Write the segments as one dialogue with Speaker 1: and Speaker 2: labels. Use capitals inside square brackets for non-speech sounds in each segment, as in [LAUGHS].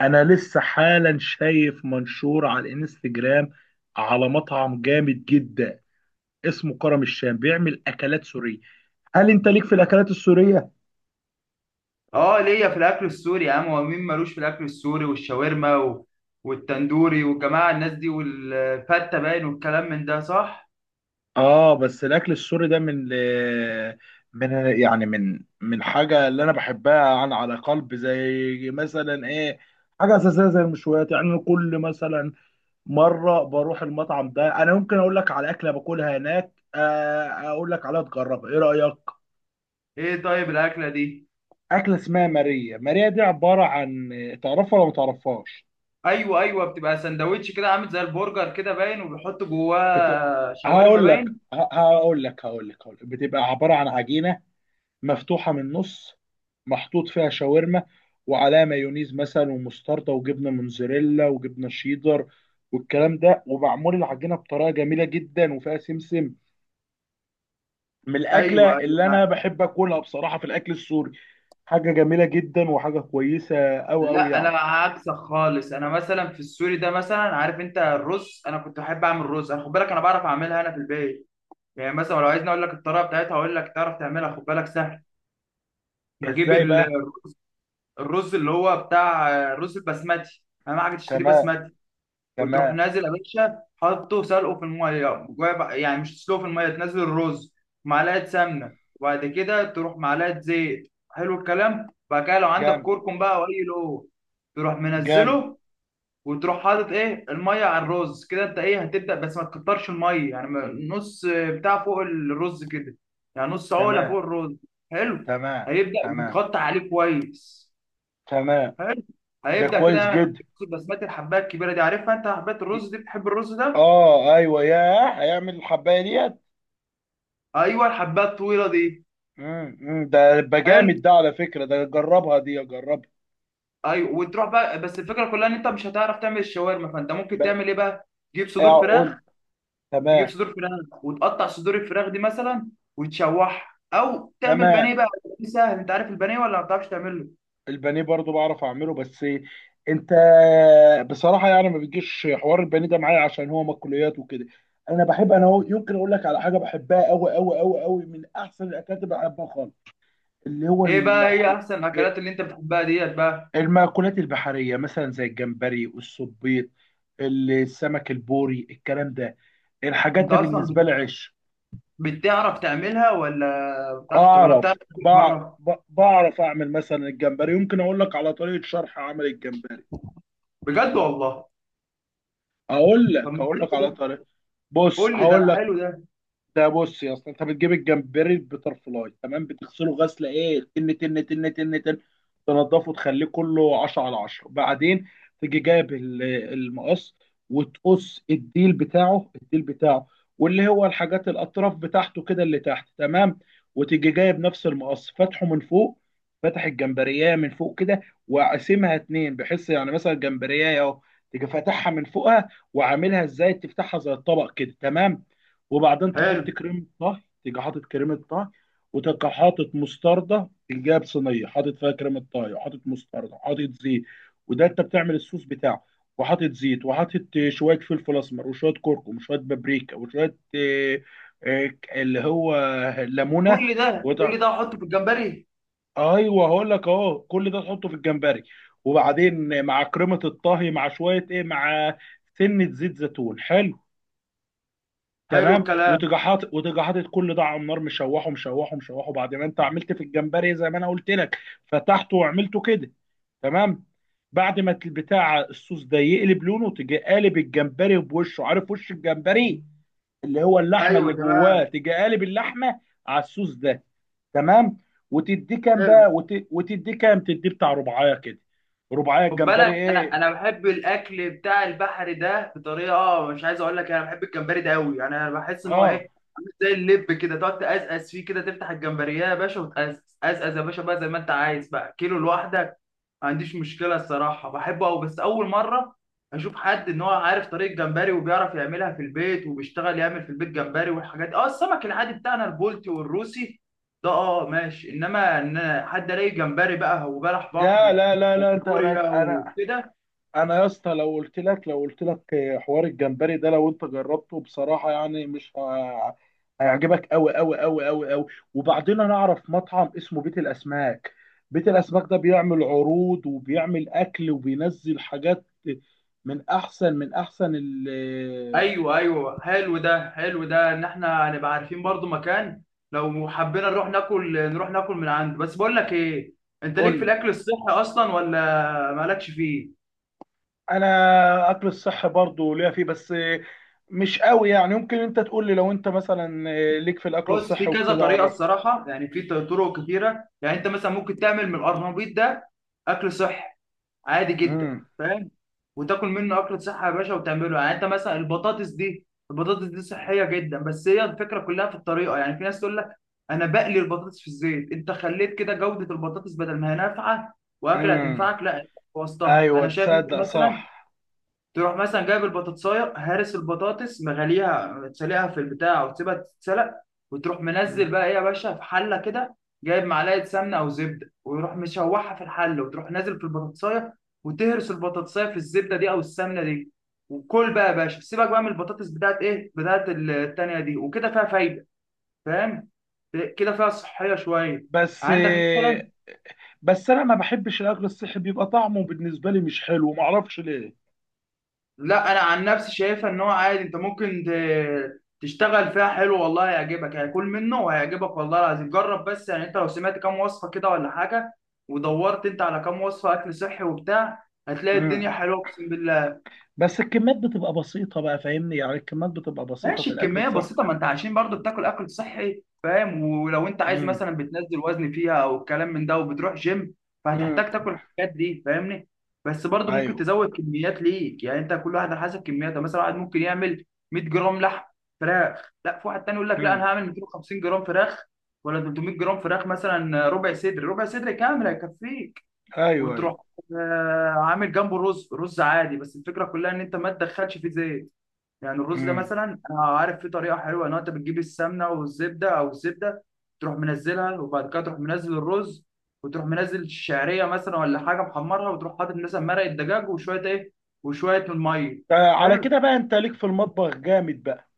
Speaker 1: انا لسه حالا شايف منشور على الانستجرام على مطعم جامد جدا اسمه كرم الشام بيعمل اكلات سورية. هل انت ليك في الاكلات السورية؟
Speaker 2: اه ليا في الاكل السوري يا عم. هو مين مالوش في الاكل السوري والشاورما والتندوري والجماعه الناس دي والفته باين والكلام من ده، صح؟
Speaker 1: اه، بس الاكل السوري ده من من من حاجة اللي انا بحبها عن على قلب، زي مثلا ايه؟ حاجة أساسية زي المشويات. يعني أنا كل مثلا مرة بروح المطعم ده، أنا ممكن أقول لك على أكلة باكلها هناك، أقول لك عليها تجربها، إيه رأيك؟
Speaker 2: ايه طيب الاكله دي.
Speaker 1: اكله اسمها ماريا، ماريا دي عباره عن، تعرفها ولا ما تعرفهاش؟
Speaker 2: ايوه ايوه، بتبقى سندوتش كده عامل زي البرجر كده باين، وبيحط
Speaker 1: بت...
Speaker 2: جواه شاورما
Speaker 1: هقول لك
Speaker 2: باين.
Speaker 1: هقول لك بتبقى عباره عن عجينه مفتوحه من النص، محطوط فيها شاورما وعليها مايونيز مثلا ومستردة وجبنه موتزاريلا وجبنه شيدر والكلام ده، ومعمول العجينه بطريقه جميله جدا وفيها سمسم. من الاكله
Speaker 2: ايوه ايوه.
Speaker 1: اللي انا بحب اكلها بصراحه في الاكل السوري. حاجه جميله جدا وحاجه كويسه قوي قوي
Speaker 2: لا انا
Speaker 1: يعني.
Speaker 2: عكسك خالص، انا مثلا في السوري ده، مثلا عارف انت الرز، انا كنت بحب اعمل رز، انا خد بالك انا بعرف اعملها انا في البيت. يعني مثلا لو عايزني اقول لك الطريقه بتاعتها، اقول لك تعرف تعملها خد بالك سهل. بجيب
Speaker 1: ازاي
Speaker 2: ال
Speaker 1: بقى؟
Speaker 2: الرز اللي هو بتاع الرز البسمتي، اهم حاجه تشتريه
Speaker 1: تمام،
Speaker 2: بسمتي. وتروح
Speaker 1: تمام.
Speaker 2: نازل يا باشا حاطه سلقه في الميه جوا يعني مش تسلقه في الميه، تنزل الرز معلقه سمنه، وبعد كده تروح معلقه زيت حلو الكلام. بعد كده لو عندك
Speaker 1: جامد.
Speaker 2: كركم بقى او اي لو تروح
Speaker 1: جامد.
Speaker 2: منزله. وتروح حاطط ايه الميه على الرز كده، انت ايه هتبدا بس ما تكترش الميه، يعني نص بتاع فوق الرز كده، يعني نص عقله فوق
Speaker 1: تمام.
Speaker 2: الرز. حلو.
Speaker 1: تمام.
Speaker 2: هيبدا
Speaker 1: تمام.
Speaker 2: وتغطي عليه كويس.
Speaker 1: تمام.
Speaker 2: حلو.
Speaker 1: ده
Speaker 2: هيبدأ كده
Speaker 1: كويس
Speaker 2: يعمل
Speaker 1: جدا.
Speaker 2: معاك بسمات الحباية الكبيرة دي، عارفها انت حباية الرز دي؟ بتحب الرز ده؟
Speaker 1: اه، ايوه، ياه، هيعمل الحبايه ديت.
Speaker 2: ايوه الحباية الطويلة دي.
Speaker 1: ده يبقى
Speaker 2: حلو.
Speaker 1: جامد ده على فكره، ده جربها دي، جربها.
Speaker 2: ايوه وتروح بقى، بس الفكرة كلها ان انت مش هتعرف تعمل الشاورما، فانت ممكن
Speaker 1: ب-
Speaker 2: تعمل ايه بقى؟ تجيب صدور
Speaker 1: اقول.
Speaker 2: فراخ. تجيب
Speaker 1: تمام.
Speaker 2: صدور فراخ وتقطع صدور الفراخ دي مثلا، وتشوحها او تعمل
Speaker 1: تمام.
Speaker 2: بانيه بقى. دي سهل. انت عارف البانيه ولا ما بتعرفش تعمله؟
Speaker 1: البانيه برضو بعرف اعمله، بس انت بصراحه يعني ما بيجيش حوار البانيه ده معايا عشان هو مأكولات وكده. انا بحب انا هو، يمكن اقول لك على حاجه بحبها قوي قوي قوي قوي، من احسن الاكلات اللي بحبها خالص، اللي هو
Speaker 2: ايه بقى هي
Speaker 1: المأكول.
Speaker 2: احسن الاكلات اللي انت بتحبها ديت بقى؟
Speaker 1: المأكولات البحرية مثلا زي الجمبري، الصبيط، السمك البوري، الكلام ده، الحاجات
Speaker 2: انت
Speaker 1: ده
Speaker 2: اصلا
Speaker 1: بالنسبة لي عش.
Speaker 2: بتعرف تعملها، ولا ما بتعرفش، ولا بتعرف تعملها بره؟
Speaker 1: بعرف أعمل مثلا الجمبري. يمكن أقول لك على طريقة شرح عمل الجمبري.
Speaker 2: بجد والله؟
Speaker 1: أقول
Speaker 2: طب
Speaker 1: لك
Speaker 2: ما
Speaker 1: أقول لك
Speaker 2: حلو
Speaker 1: على
Speaker 2: ده.
Speaker 1: طريقة، بص
Speaker 2: كل ده
Speaker 1: هقول
Speaker 2: أنا
Speaker 1: لك.
Speaker 2: حلو ده.
Speaker 1: ده بص يا اسطى، انت بتجيب الجمبري البترفلاي، تمام، بتغسله غسله ايه، تن تن تن تن تن، تنضفه، تخليه كله 10 على 10. بعدين تيجي جايب المقص، وتقص الديل بتاعه، الديل بتاعه واللي هو الحاجات الاطراف بتاعته كده اللي تحت، تمام. وتيجي جايب نفس المقص، فاتحه من فوق، فاتح الجمبريه من فوق كده، وقاسمها اتنين، بحيث يعني مثلا الجمبريه اهو، تيجي فاتحها من فوقها وعاملها ازاي، تفتحها زي الطبق كده، تمام. وبعدين
Speaker 2: حلو.
Speaker 1: تحط كريمه طهي، تيجي حاطط كريمه طهي، وتبقى حاطط مستردة، الجاب صينية حاطط فيها كريمة طهي وحاطط مستردة وحاطط زيت، وده انت بتعمل الصوص بتاعه. وحاطط زيت وحاطط شوية فلفل أسمر وشوية كركم وشوية بابريكا وشوية آه، اللي هو ليمونة.
Speaker 2: كل ده
Speaker 1: وتع...
Speaker 2: كل ده احطه في الجمبري.
Speaker 1: أيوه، هقول لك أهو، كل ده تحطه في الجمبري. وبعدين مع كريمة الطهي مع شوية إيه، مع سنة زيت زيتون. حلو.
Speaker 2: حلو
Speaker 1: تمام.
Speaker 2: الكلام.
Speaker 1: وتيجي حاطط وتيجي حاطط كل ده على النار، مشوحه مشوحه مشوحه، بعد ما انت عملت في الجمبري زي ما انا قلت لك، فتحته وعملته كده، تمام. بعد ما البتاع الصوص ده يقلب لونه، تيجي قالب الجمبري بوشه، عارف وش الجمبري؟ اللي هو اللحمه
Speaker 2: ايوه
Speaker 1: اللي جواه،
Speaker 2: تمام.
Speaker 1: تيجي قالب اللحمه على الصوص ده، تمام. وتديه كام
Speaker 2: حلو.
Speaker 1: بقى، وتديه كام تديه بتاع ربعايه كده، ربعايه
Speaker 2: خد بالك
Speaker 1: الجمبري
Speaker 2: انا
Speaker 1: ايه.
Speaker 2: انا بحب الاكل بتاع البحر ده بطريقه، مش عايز اقول لك، انا بحب الجمبري ده قوي يعني. انا بحس ان هو
Speaker 1: اه،
Speaker 2: ايه، عامل زي اللب كده، تقعد تقزقز فيه كده، تفتح الجمبريه يا باشا وتقزقز قزقز يا باشا بقى زي ما انت عايز بقى، كيلو لوحدك ما عنديش مشكله الصراحه، بحبه قوي. بس اول مره اشوف حد ان هو عارف طريقه جمبري وبيعرف يعملها في البيت، وبيشتغل يعمل في البيت جمبري والحاجات دي. اه السمك العادي بتاعنا البولتي والروسي ده اه ماشي، انما ان حد الاقي جمبري بقى، وبلح
Speaker 1: لا
Speaker 2: بحر
Speaker 1: لا لا لا. انت انا
Speaker 2: وكوريا
Speaker 1: انا
Speaker 2: وكده.
Speaker 1: انا يا اسطى، لو قلت لك، لو قلت لك حوار الجمبري ده لو انت جربته بصراحه، يعني مش ه- هيعجبك قوي قوي قوي قوي قوي. وبعدين انا اعرف مطعم اسمه بيت الاسماك. بيت الاسماك ده بيعمل عروض وبيعمل اكل وبينزل حاجات من احسن، من احسن ال،
Speaker 2: ايوه ايوه حلو ده حلو ده، ان احنا هنبقى عارفين برضو مكان لو حبينا نروح ناكل نروح ناكل من عنده. بس بقول لك ايه، انت ليك
Speaker 1: قول
Speaker 2: في
Speaker 1: لي.
Speaker 2: الاكل الصحي اصلا، ولا مالكش فيه؟
Speaker 1: انا اكل الصحي برضو ليا فيه، بس مش قوي يعني. يمكن انت تقول لي، لو انت مثلا ليك في الاكل
Speaker 2: بص في
Speaker 1: الصحي
Speaker 2: كذا
Speaker 1: وكده
Speaker 2: طريقه
Speaker 1: عرفني.
Speaker 2: الصراحه، يعني في طرق كتيره، يعني انت مثلا ممكن تعمل من القرنبيط ده اكل صحي، عادي جدا، فاهم؟ وتاكل منه اكله صحه يا باشا وتعمله. يعني انت مثلا البطاطس دي، البطاطس دي صحيه جدا، بس هي الفكره كلها في الطريقه. يعني في ناس تقول لك انا بقلي البطاطس في الزيت، انت خليت كده جوده البطاطس بدل ما هي نافعه واكله
Speaker 1: امم،
Speaker 2: هتنفعك، لا انت بوظتها.
Speaker 1: ايوه،
Speaker 2: فانا شايف إن انت
Speaker 1: تصدق
Speaker 2: مثلا
Speaker 1: صح.
Speaker 2: تروح مثلا جايب البطاطسايه، هارس البطاطس مغليها، تسلقها في البتاع وتسيبها تتسلق. وتروح منزل
Speaker 1: مم.
Speaker 2: بقى ايه يا باشا في حله كده، جايب معلقه سمنه او زبده، ويروح مشوحها في الحله، وتروح نازل في البطاطسايه، وتهرس البطاطسايه في الزبده دي او السمنه دي. وكل بقى يا باشا، سيبك بقى من البطاطس بتاعت ايه بتاعت التانيه دي، وكده فيها فايده، فاهم؟ كده فيها صحيه شويه.
Speaker 1: بس،
Speaker 2: عندك مثلا.
Speaker 1: بس انا ما بحبش الاكل الصحي، بيبقى طعمه بالنسبه لي مش حلو، ما اعرفش ليه.
Speaker 2: لا انا عن نفسي شايفها ان هو عادي، انت ممكن تشتغل فيها حلو، والله هيعجبك، هيكون منه وهيعجبك والله العظيم، جرب بس. يعني انت لو سمعت كام وصفه كده ولا حاجه، ودورت انت على كام وصفه اكل صحي وبتاع، هتلاقي
Speaker 1: مم.
Speaker 2: الدنيا حلوه اقسم بالله.
Speaker 1: بس الكميات بتبقى بسيطه بقى، فاهمني؟ يعني الكميات بتبقى بسيطه في
Speaker 2: ماشي
Speaker 1: الاكل
Speaker 2: الكميه
Speaker 1: الصحي.
Speaker 2: بسيطه، ما انت عشان برضو بتاكل اكل صحي فاهم؟ ولو انت عايز
Speaker 1: مم.
Speaker 2: مثلا بتنزل وزن فيها او الكلام من ده، وبتروح جيم،
Speaker 1: مم.
Speaker 2: فهتحتاج تاكل الحاجات دي فاهمني؟ بس برضو ممكن
Speaker 1: ايوه.
Speaker 2: تزود كميات ليك، يعني انت كل واحد على حسب كمياته. يعني مثلا واحد ممكن يعمل 100 جرام لحم فراخ، لا في واحد تاني يقول لك لا انا
Speaker 1: مم.
Speaker 2: هعمل 250 جرام فراخ، ولا 300 جرام فراخ مثلا. ربع صدر، ربع صدر كامل هيكفيك.
Speaker 1: ايوه، ايوه.
Speaker 2: وتروح عامل جنبه رز، رز عادي، بس الفكره كلها ان انت ما تدخلش فيه زيت. يعني الرز ده
Speaker 1: مم.
Speaker 2: مثلا، انا عارف فيه طريقه حلوه ان انت بتجيب السمنه والزبده او الزبده، تروح منزلها، وبعد كده تروح منزل الرز، وتروح منزل الشعريه مثلا ولا حاجه محمرها، وتروح حاطط مثلا مرق الدجاج وشويه ايه وشويه من الميه.
Speaker 1: على
Speaker 2: حلو.
Speaker 1: كده بقى انت ليك في المطبخ جامد بقى.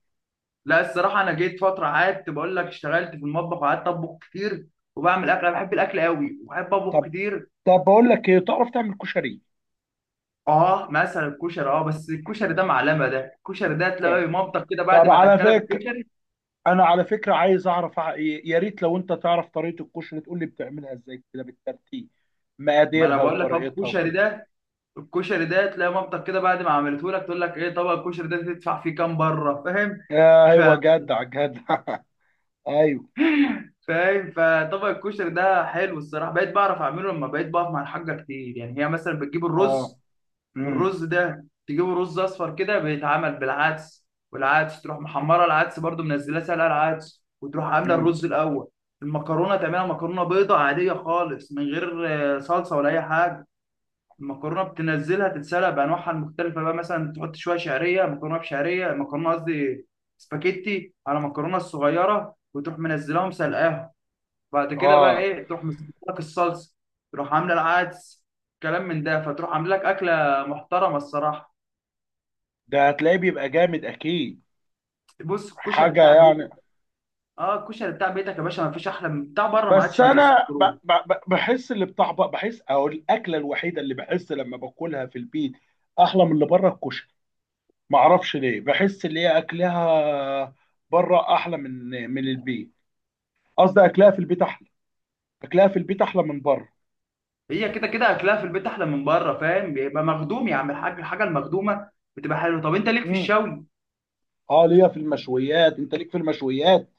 Speaker 2: لا الصراحه انا جيت فتره قعدت بقول لك، اشتغلت في المطبخ وقعدت اطبخ كتير، وبعمل اكل. انا بحب الاكل قوي وبحب اطبخ
Speaker 1: طب،
Speaker 2: كتير.
Speaker 1: طب بقول لك ايه، تعرف تعمل كشري؟
Speaker 2: اه مثلا الكشري. اه بس الكشري ده معلمه ده، الكشري ده
Speaker 1: طب،
Speaker 2: تلاقي مامتك كده بعد
Speaker 1: طب
Speaker 2: ما
Speaker 1: على
Speaker 2: تاكلك
Speaker 1: فكره،
Speaker 2: الكشري.
Speaker 1: انا على فكره عايز اعرف يا ريت لو انت تعرف طريقه الكشري تقول لي بتعملها ازاي كده بالترتيب،
Speaker 2: ما انا
Speaker 1: مقاديرها
Speaker 2: بقول لك اهو،
Speaker 1: وطريقتها
Speaker 2: الكشري
Speaker 1: وكده.
Speaker 2: ده الكشري ده تلاقي مامتك كده بعد ما عملته لك تقول لك ايه طبق الكشري ده تدفع فيه كام بره، فاهم؟ ف...
Speaker 1: ايوه، جدع جدع. [LAUGHS] ايوه.
Speaker 2: فاهم. فطبق الكشري ده حلو الصراحه، بقيت بعرف اعمله لما بقيت بقف مع الحاجه كتير. يعني هي مثلا بتجيب
Speaker 1: اه.
Speaker 2: الرز،
Speaker 1: امم.
Speaker 2: الرز ده تجيبه رز اصفر كده بيتعمل بالعدس، والعدس تروح محمره العدس برده، منزلاه سلقه العدس، وتروح عامله
Speaker 1: امم.
Speaker 2: الرز الاول. المكرونه تعملها مكرونه بيضه عاديه خالص من غير صلصه ولا اي حاجه. المكرونه بتنزلها تتسلق بانواعها المختلفه بقى، مثلا تحط شويه شعريه، مكرونه بشعريه، مكرونه قصدي سباكيتي على مكرونه الصغيره، وتروح منزلهم سلقاهم. بعد كده بقى
Speaker 1: اه.
Speaker 2: ايه تروح مسكت لك الصلصه، تروح عامله العدس، كلام من ده، فتروح عامله لك اكله محترمه الصراحه.
Speaker 1: ده هتلاقيه بيبقى جامد اكيد.
Speaker 2: بص الكشري
Speaker 1: حاجه
Speaker 2: بتاع بيتك،
Speaker 1: يعني.
Speaker 2: اه الكشري بتاع بيتك يا باشا ما فيش احلى من بتاع بره، ما
Speaker 1: بس
Speaker 2: عادش بينزلوا
Speaker 1: انا
Speaker 2: كروب.
Speaker 1: بحس اللي بحس، او الاكله الوحيده اللي بحس لما باكلها في البيت احلى من اللي بره الكشري. معرفش ليه، بحس اللي هي اكلها بره احلى من من البيت. قصدي اكلها في البيت احلى. اكلها في البيت احلى من بره.
Speaker 2: هي كده كده اكلها في البيت احلى من بره فاهم؟ بيبقى مخدوم يا عم الحاج، الحاجه المخدومه بتبقى حلوه. طب انت ليك في
Speaker 1: امم.
Speaker 2: الشوي؟
Speaker 1: اه، ليا في المشويات، انت ليك في المشويات؟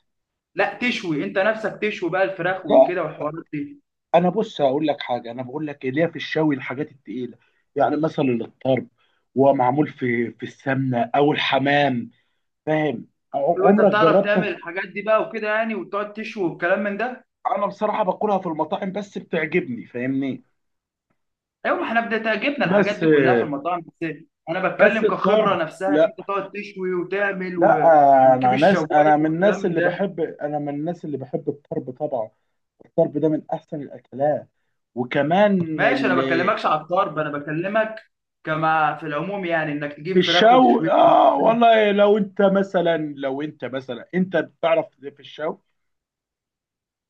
Speaker 2: لا تشوي انت نفسك، تشوي بقى الفراخ
Speaker 1: لا،
Speaker 2: وكده والحوارات دي؟
Speaker 1: انا بص هقول لك حاجه، انا بقول لك إيه، ليا في الشوي الحاجات التقيله. يعني مثلا الطرب، ومعمول في السمنه، او الحمام، فاهم؟
Speaker 2: ايوه انت
Speaker 1: عمرك
Speaker 2: بتعرف تعمل
Speaker 1: جربته؟
Speaker 2: الحاجات دي بقى وكده يعني، وتقعد تشوي والكلام من ده؟
Speaker 1: انا بصراحه باكلها في المطاعم، بس بتعجبني، فاهمني؟
Speaker 2: ايوه ما احنا بدأت جبنا الحاجات
Speaker 1: بس،
Speaker 2: دي كلها في المطاعم بس. انا
Speaker 1: بس
Speaker 2: بتكلم كخبره
Speaker 1: الطرب،
Speaker 2: نفسها، ان
Speaker 1: لا،
Speaker 2: انت تقعد تشوي وتعمل
Speaker 1: لا.
Speaker 2: وتجيب
Speaker 1: انا ناس،
Speaker 2: الشوايه
Speaker 1: انا من
Speaker 2: والكلام
Speaker 1: الناس
Speaker 2: من
Speaker 1: اللي
Speaker 2: ده.
Speaker 1: بحب، انا من الناس اللي بحب الطرب طبعا. الطرب ده من احسن الاكلات. وكمان
Speaker 2: ماشي انا
Speaker 1: اللي
Speaker 2: بكلمكش على الطرب، انا بكلمك كما في العموم يعني، انك
Speaker 1: في
Speaker 2: تجيب فراخ
Speaker 1: الشوي،
Speaker 2: وتشويها.
Speaker 1: اه والله. لو انت مثلا، لو انت مثلا انت بتعرف في الشوي،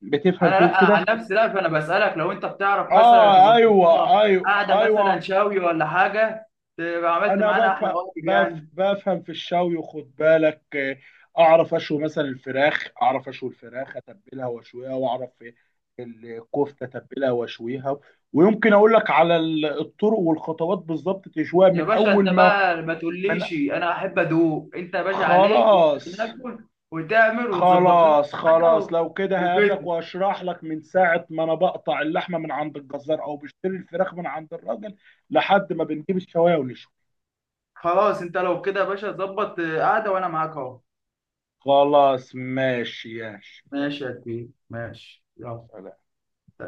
Speaker 1: بتفهم
Speaker 2: انا
Speaker 1: فيه
Speaker 2: لا. انا
Speaker 1: وكده؟
Speaker 2: عن نفسي لا، فانا بسالك لو انت بتعرف مثلا
Speaker 1: اه،
Speaker 2: تظبط لنا
Speaker 1: ايوه ايوه
Speaker 2: قاعده مثلا
Speaker 1: ايوه.
Speaker 2: شاوي ولا حاجه، تبقى عملت
Speaker 1: انا
Speaker 2: معانا احلى
Speaker 1: بفهم
Speaker 2: واجب
Speaker 1: بف
Speaker 2: يعني.
Speaker 1: بفهم في الشوي، وخد بالك اعرف اشوي مثلا الفراخ، اعرف اشوي الفراخ، اتبلها واشويها، واعرف في الكفته، اتبلها واشويها. ويمكن اقول لك على الطرق والخطوات بالظبط، تشويها
Speaker 2: يا
Speaker 1: من
Speaker 2: باشا انت
Speaker 1: اول ما
Speaker 2: بقى ما
Speaker 1: من
Speaker 2: تقوليش انا احب ادوق، انت يا باشا عليك
Speaker 1: خلاص،
Speaker 2: واحنا ناكل، وتعمل وتظبط لنا
Speaker 1: خلاص.
Speaker 2: قاعده
Speaker 1: خلاص، لو كده هقابلك
Speaker 2: وكده.
Speaker 1: واشرح لك من ساعة ما انا بقطع اللحمة من عند الجزار او بشتري الفراخ من عند الراجل لحد ما بنجيب الشواية ونشوي.
Speaker 2: خلاص انت لو كده يا باشا ظبط قاعده وانا معاك اهو.
Speaker 1: خلاص، ماشي يا شيخ.
Speaker 2: ماشي يا كبير، ماشي يلا.